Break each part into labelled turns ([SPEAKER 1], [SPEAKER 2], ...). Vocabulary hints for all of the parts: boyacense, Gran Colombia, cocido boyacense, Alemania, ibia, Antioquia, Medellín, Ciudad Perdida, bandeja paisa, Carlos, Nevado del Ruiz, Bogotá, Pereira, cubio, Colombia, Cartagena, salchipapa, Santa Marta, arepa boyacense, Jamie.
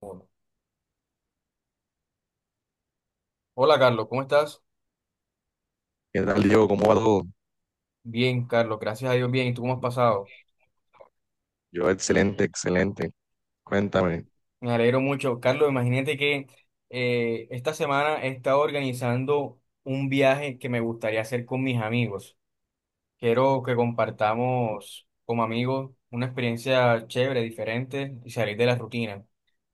[SPEAKER 1] Uno. Hola Carlos, ¿cómo estás?
[SPEAKER 2] ¿Qué tal, Diego? ¿Cómo va todo?
[SPEAKER 1] Bien, Carlos, gracias a Dios, bien. ¿Y tú cómo has pasado?
[SPEAKER 2] Yo, excelente, excelente. Cuéntame.
[SPEAKER 1] Me alegro mucho. Carlos, imagínate que esta semana he estado organizando un viaje que me gustaría hacer con mis amigos. Quiero que compartamos como amigos una experiencia chévere, diferente y salir de la rutina.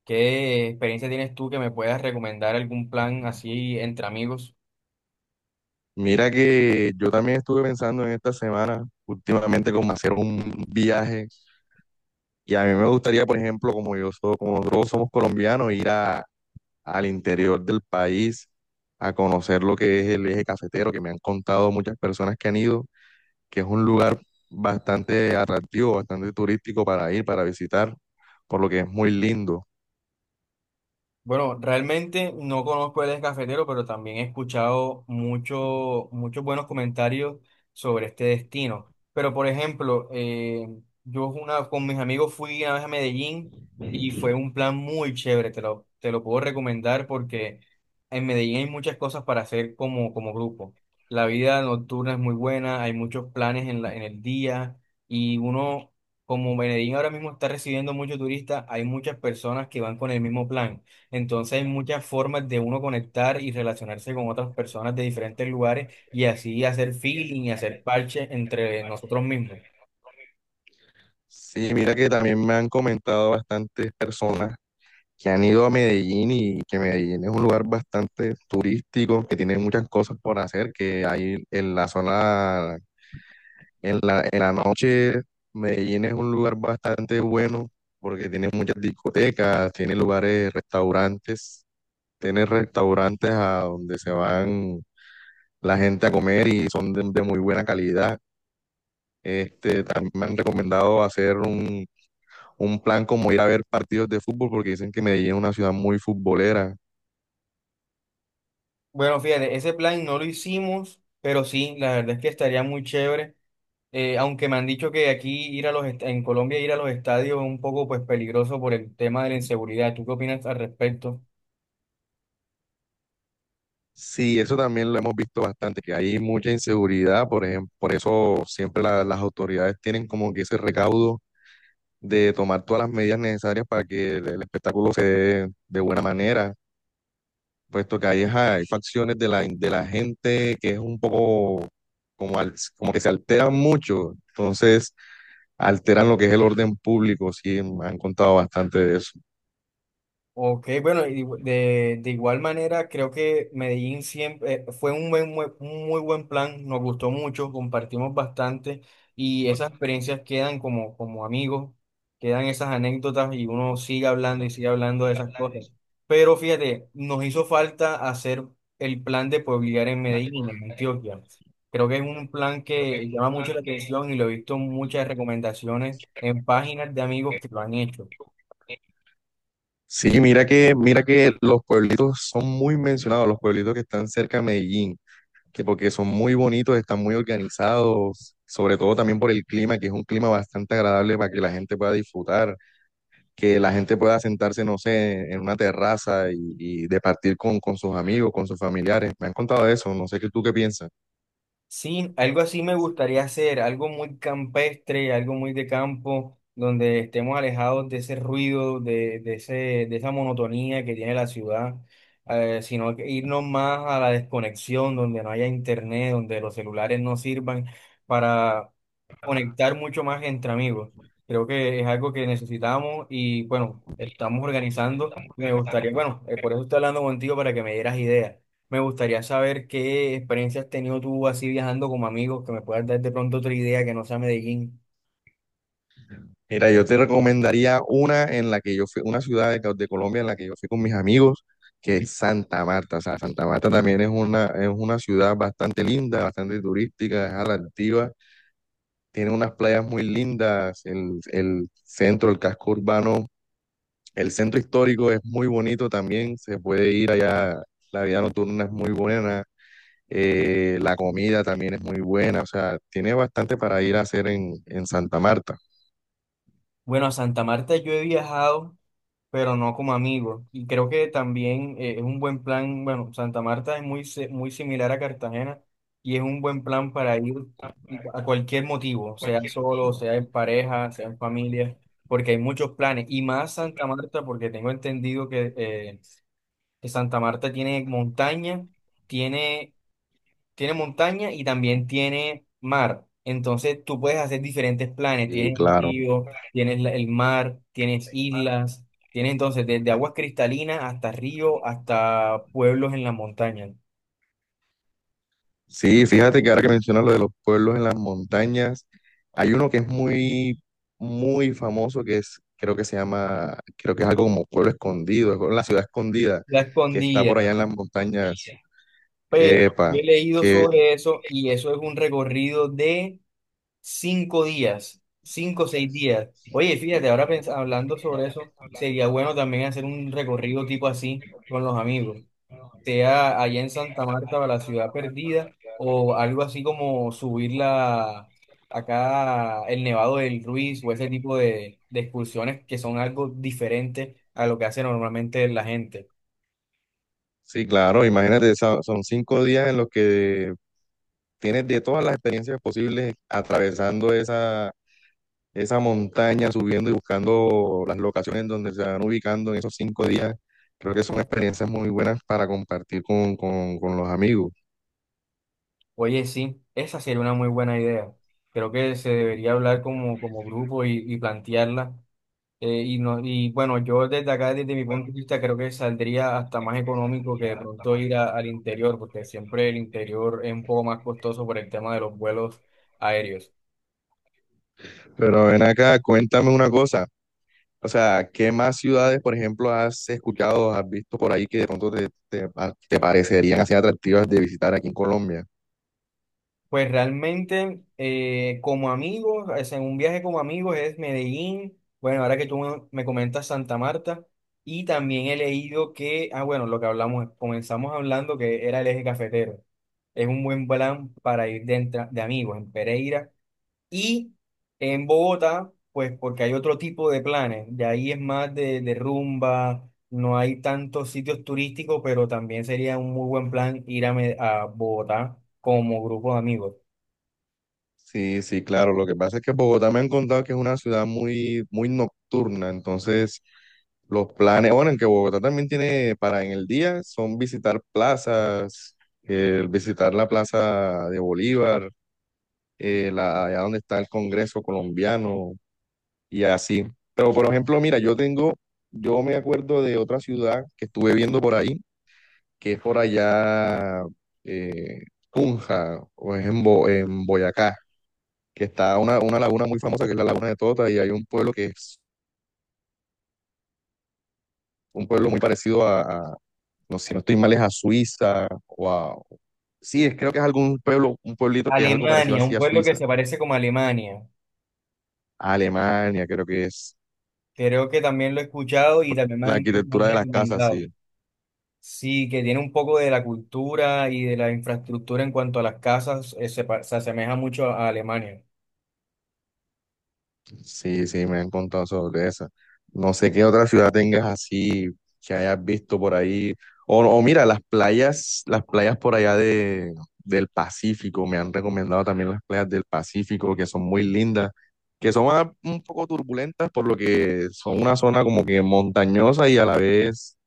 [SPEAKER 1] ¿Qué experiencia tienes tú que me puedas recomendar algún plan así entre amigos?
[SPEAKER 2] Mira que yo también estuve pensando en esta semana, últimamente, como hacer un viaje. Y a mí me gustaría, por ejemplo, como yo soy, como nosotros somos colombianos, al interior del país a conocer lo que es el eje cafetero, que me han contado muchas personas que han ido, que es un lugar bastante atractivo, bastante turístico para ir, para visitar, por lo que es muy lindo.
[SPEAKER 1] Bueno, realmente no conozco el descafetero, pero también he escuchado mucho, muchos buenos comentarios sobre este destino. Pero, por ejemplo, con mis amigos fui una vez a Medellín y fue un plan muy chévere, te lo puedo recomendar porque en Medellín hay muchas cosas para hacer como grupo. La vida nocturna es muy buena, hay muchos planes en el día y uno, como Medellín ahora mismo está recibiendo muchos turistas, hay muchas personas que van con el mismo plan. Entonces hay muchas formas de uno conectar y relacionarse con otras personas de diferentes lugares y así hacer feeling y hacer parche entre nosotros mismos.
[SPEAKER 2] Sí, mira que también me han comentado bastantes personas que han ido a Medellín y que Medellín es un lugar bastante turístico, que tiene muchas cosas por hacer, que hay en la zona, en la noche, Medellín es un lugar bastante bueno porque tiene muchas discotecas, tiene lugares, restaurantes, tiene restaurantes a donde se van la gente a comer y son de muy buena calidad. Este, también me han recomendado un plan como ir a ver partidos de fútbol porque dicen que Medellín es una ciudad muy futbolera.
[SPEAKER 1] Bueno, fíjate, ese plan no lo hicimos, pero sí, la verdad es que estaría muy chévere. Aunque me han dicho que aquí ir a los est- en Colombia ir a los estadios es un poco pues peligroso por el tema de la inseguridad. ¿Tú qué opinas al respecto?
[SPEAKER 2] Sí, eso también lo hemos visto bastante, que hay mucha inseguridad, por eso siempre las autoridades tienen como que ese recaudo de tomar todas las medidas necesarias para que el espectáculo se dé de buena manera, puesto que hay ajá, hay facciones de de la gente que es un poco como, como que se alteran mucho, entonces alteran lo que es el orden público, sí, me han contado bastante de eso.
[SPEAKER 1] Ok, bueno, y de igual manera creo que Medellín siempre fue un muy buen plan, nos gustó mucho, compartimos bastante y esas experiencias quedan como amigos, quedan esas anécdotas y uno sigue hablando y sigue hablando de esas cosas. Pero fíjate, nos hizo falta hacer el plan de pueblear en Medellín, en Antioquia. Creo que es un plan que llama mucho la atención y lo he visto en muchas recomendaciones en páginas de amigos que lo han hecho.
[SPEAKER 2] Sí, mira que los pueblitos son muy mencionados, los pueblitos que están cerca de Medellín, que porque son muy bonitos, están muy organizados, sobre todo también por el clima, que es un clima bastante agradable para que la gente pueda disfrutar, que la gente pueda sentarse, no sé, en una terraza y departir con sus amigos, con sus familiares. Me han contado eso, no sé qué tú qué piensas.
[SPEAKER 1] Sí, algo así me gustaría hacer, algo muy campestre, algo muy de campo, donde estemos alejados de ese ruido, de esa monotonía que tiene la ciudad, sino que irnos más a la desconexión, donde no haya internet, donde los celulares no sirvan para conectar mucho más entre amigos. Creo que es algo que necesitamos y bueno, estamos organizando y me gustaría, bueno, por eso estoy hablando contigo para que me dieras ideas. Me gustaría saber qué experiencia has tenido tú así viajando como amigos, que me puedas dar de pronto otra idea que no sea Medellín.
[SPEAKER 2] Mira, yo te recomendaría una en la que yo fui, una ciudad de Colombia en la que yo fui con mis amigos, que es Santa Marta, o sea, Santa Marta también es una ciudad bastante linda, bastante turística, es atractiva, tiene unas playas muy lindas, el centro, el casco urbano, el centro histórico es muy bonito también, se puede ir allá, la vida nocturna es muy buena, la comida también es muy buena, o sea, tiene bastante para ir a hacer en Santa Marta.
[SPEAKER 1] Bueno, a Santa Marta yo he viajado, pero no como amigo. Y creo que también es un buen plan. Bueno, Santa Marta es muy, si- muy similar a Cartagena y es un buen plan para ir a cualquier motivo, sea solo, sea en pareja, sea en familia, porque hay muchos planes. Y más Santa Marta, porque tengo entendido que Santa Marta tiene montaña, tiene tiene montaña y también tiene mar. Entonces tú puedes hacer diferentes planes.
[SPEAKER 2] Y
[SPEAKER 1] Tienes el
[SPEAKER 2] claro,
[SPEAKER 1] río, tienes el mar, tienes islas, tienes entonces desde aguas cristalinas hasta río, hasta pueblos en la montaña.
[SPEAKER 2] sí, fíjate que ahora que mencionas lo de los pueblos en las montañas, hay uno que es muy, muy famoso que es, creo que se llama, creo que es algo como Pueblo Escondido, es como la ciudad escondida
[SPEAKER 1] La
[SPEAKER 2] que está por
[SPEAKER 1] escondida.
[SPEAKER 2] allá en las montañas.
[SPEAKER 1] Pero yo
[SPEAKER 2] Epa,
[SPEAKER 1] he leído
[SPEAKER 2] que
[SPEAKER 1] sobre eso y eso es un recorrido de 5 días, 5 o 6 días. Oye, fíjate, ahora hablando sobre eso, sería bueno también hacer un recorrido tipo así con los amigos, sea allá en Santa Marta o la ciudad perdida, o algo así como subirla acá el Nevado del Ruiz o ese tipo de excursiones que son algo diferente a lo que hace normalmente la gente.
[SPEAKER 2] sí, claro, imagínate, esa- son 5 días en los que tienes de todas las experiencias posibles atravesando esa, esa montaña, subiendo y buscando las locaciones donde se van ubicando en esos 5 días. Creo que son experiencias muy buenas para compartir con los amigos.
[SPEAKER 1] Oye, sí, esa sería una muy buena idea. Creo que se debería hablar como, como grupo y plantearla. Y, no, y bueno, yo desde acá, desde mi punto de vista, creo que saldría hasta más económico que de pronto ir al interior, porque siempre el interior es un poco más costoso por el tema de los vuelos aéreos.
[SPEAKER 2] Pero ven acá, cuéntame una cosa. O sea, ¿qué más ciudades, por ejemplo, has escuchado, has visto por ahí que de pronto te parecerían así atractivas de visitar aquí en Colombia?
[SPEAKER 1] Pues realmente, como amigos, o sea, en un viaje como amigos es Medellín. Bueno, ahora que tú me comentas Santa Marta, y también he leído que, ah, bueno, lo que hablamos, comenzamos hablando que era el eje cafetero. Es un buen plan para ir de amigos en Pereira y en Bogotá, pues porque hay otro tipo de planes, de ahí es más de rumba, no hay tantos sitios turísticos, pero también sería un muy buen plan ir a Bogotá como grupo de amigos.
[SPEAKER 2] Sí, sí, claro. Lo que pasa es que Bogotá me han contado que es una ciudad muy, muy nocturna. Entonces, los planes, bueno, en que Bogotá también tiene para en el día, son visitar plazas, visitar la Plaza de Bolívar, allá donde está el Congreso colombiano y así. Pero, por ejemplo, mira, yo me acuerdo de otra ciudad que estuve viendo por ahí, que es por allá, eh, Tunja, o es en, Bo- en Boyacá, que está una laguna muy famosa que es la Laguna de Tota y hay un pueblo que es un pueblo muy parecido a- no sé, si no estoy mal, es a Suiza o a... Sí, es, creo que es algún pueblo, un pueblito que es algo parecido
[SPEAKER 1] Alemania,
[SPEAKER 2] así
[SPEAKER 1] un
[SPEAKER 2] a
[SPEAKER 1] pueblo que
[SPEAKER 2] Suiza,
[SPEAKER 1] se parece como Alemania,
[SPEAKER 2] a Alemania, creo que es
[SPEAKER 1] creo que también lo he escuchado y también me
[SPEAKER 2] la
[SPEAKER 1] han, me han
[SPEAKER 2] arquitectura de las casas,
[SPEAKER 1] recomendado.
[SPEAKER 2] sí.
[SPEAKER 1] Sí, que tiene un poco de la cultura y de la infraestructura en cuanto a las casas, se asemeja mucho a Alemania.
[SPEAKER 2] Sí, sí, me han contado sobre esa. No sé qué otra ciudad tengas así que hayas visto por ahí. O mira, las playas por allá del Pacífico. Me han recomendado también las playas del Pacífico, que son muy lindas, que son ah, un poco turbulentas, por lo que son una zona como que montañosa y a la vez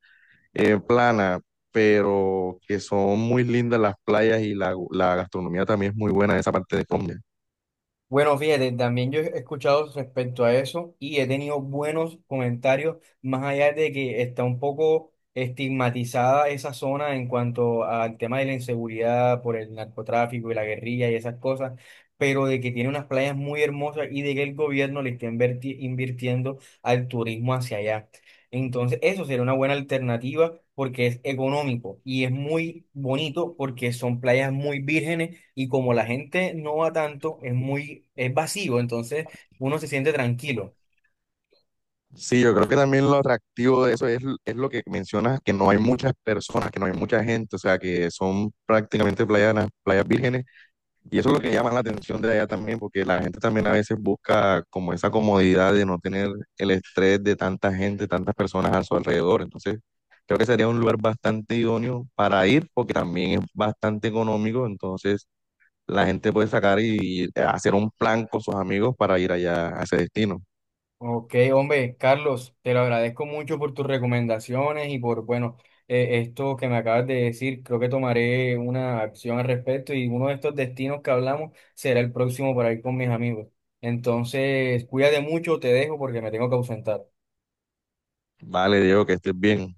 [SPEAKER 2] plana, pero que son muy lindas las playas y la gastronomía también es muy buena en esa parte de Colombia.
[SPEAKER 1] Bueno, fíjate, también yo he escuchado respecto a eso y he tenido buenos comentarios, más allá de que está un poco estigmatizada esa zona en cuanto al tema de la inseguridad por el narcotráfico y la guerrilla y esas cosas, pero de que tiene unas playas muy hermosas y de que el gobierno le está invirtiendo al turismo hacia allá. Entonces, eso sería una buena alternativa porque es económico y es muy bonito porque son playas muy vírgenes y como la gente no va tanto, es muy, es vacío, entonces uno se siente tranquilo.
[SPEAKER 2] Sí, yo creo que también lo atractivo de eso es lo que mencionas, que no hay muchas personas, que no hay mucha gente, o sea, que son prácticamente playas, na- playas vírgenes, y eso es lo que llama la atención de allá también, porque la gente también a veces busca como esa comodidad de no tener el estrés de tanta gente, tantas personas a su alrededor, entonces creo que sería un lugar bastante idóneo para ir, porque también es bastante económico, entonces la gente puede sacar y, hacer un plan con sus amigos para ir allá a ese destino.
[SPEAKER 1] Ok, hombre, Carlos, te lo agradezco mucho por tus recomendaciones y por, bueno, esto que me acabas de decir. Creo que tomaré una acción al respecto y uno de estos destinos que hablamos será el próximo para ir con mis amigos. Entonces, cuídate mucho, te dejo porque me tengo que ausentar.
[SPEAKER 2] Vale, Diego, que estés bien.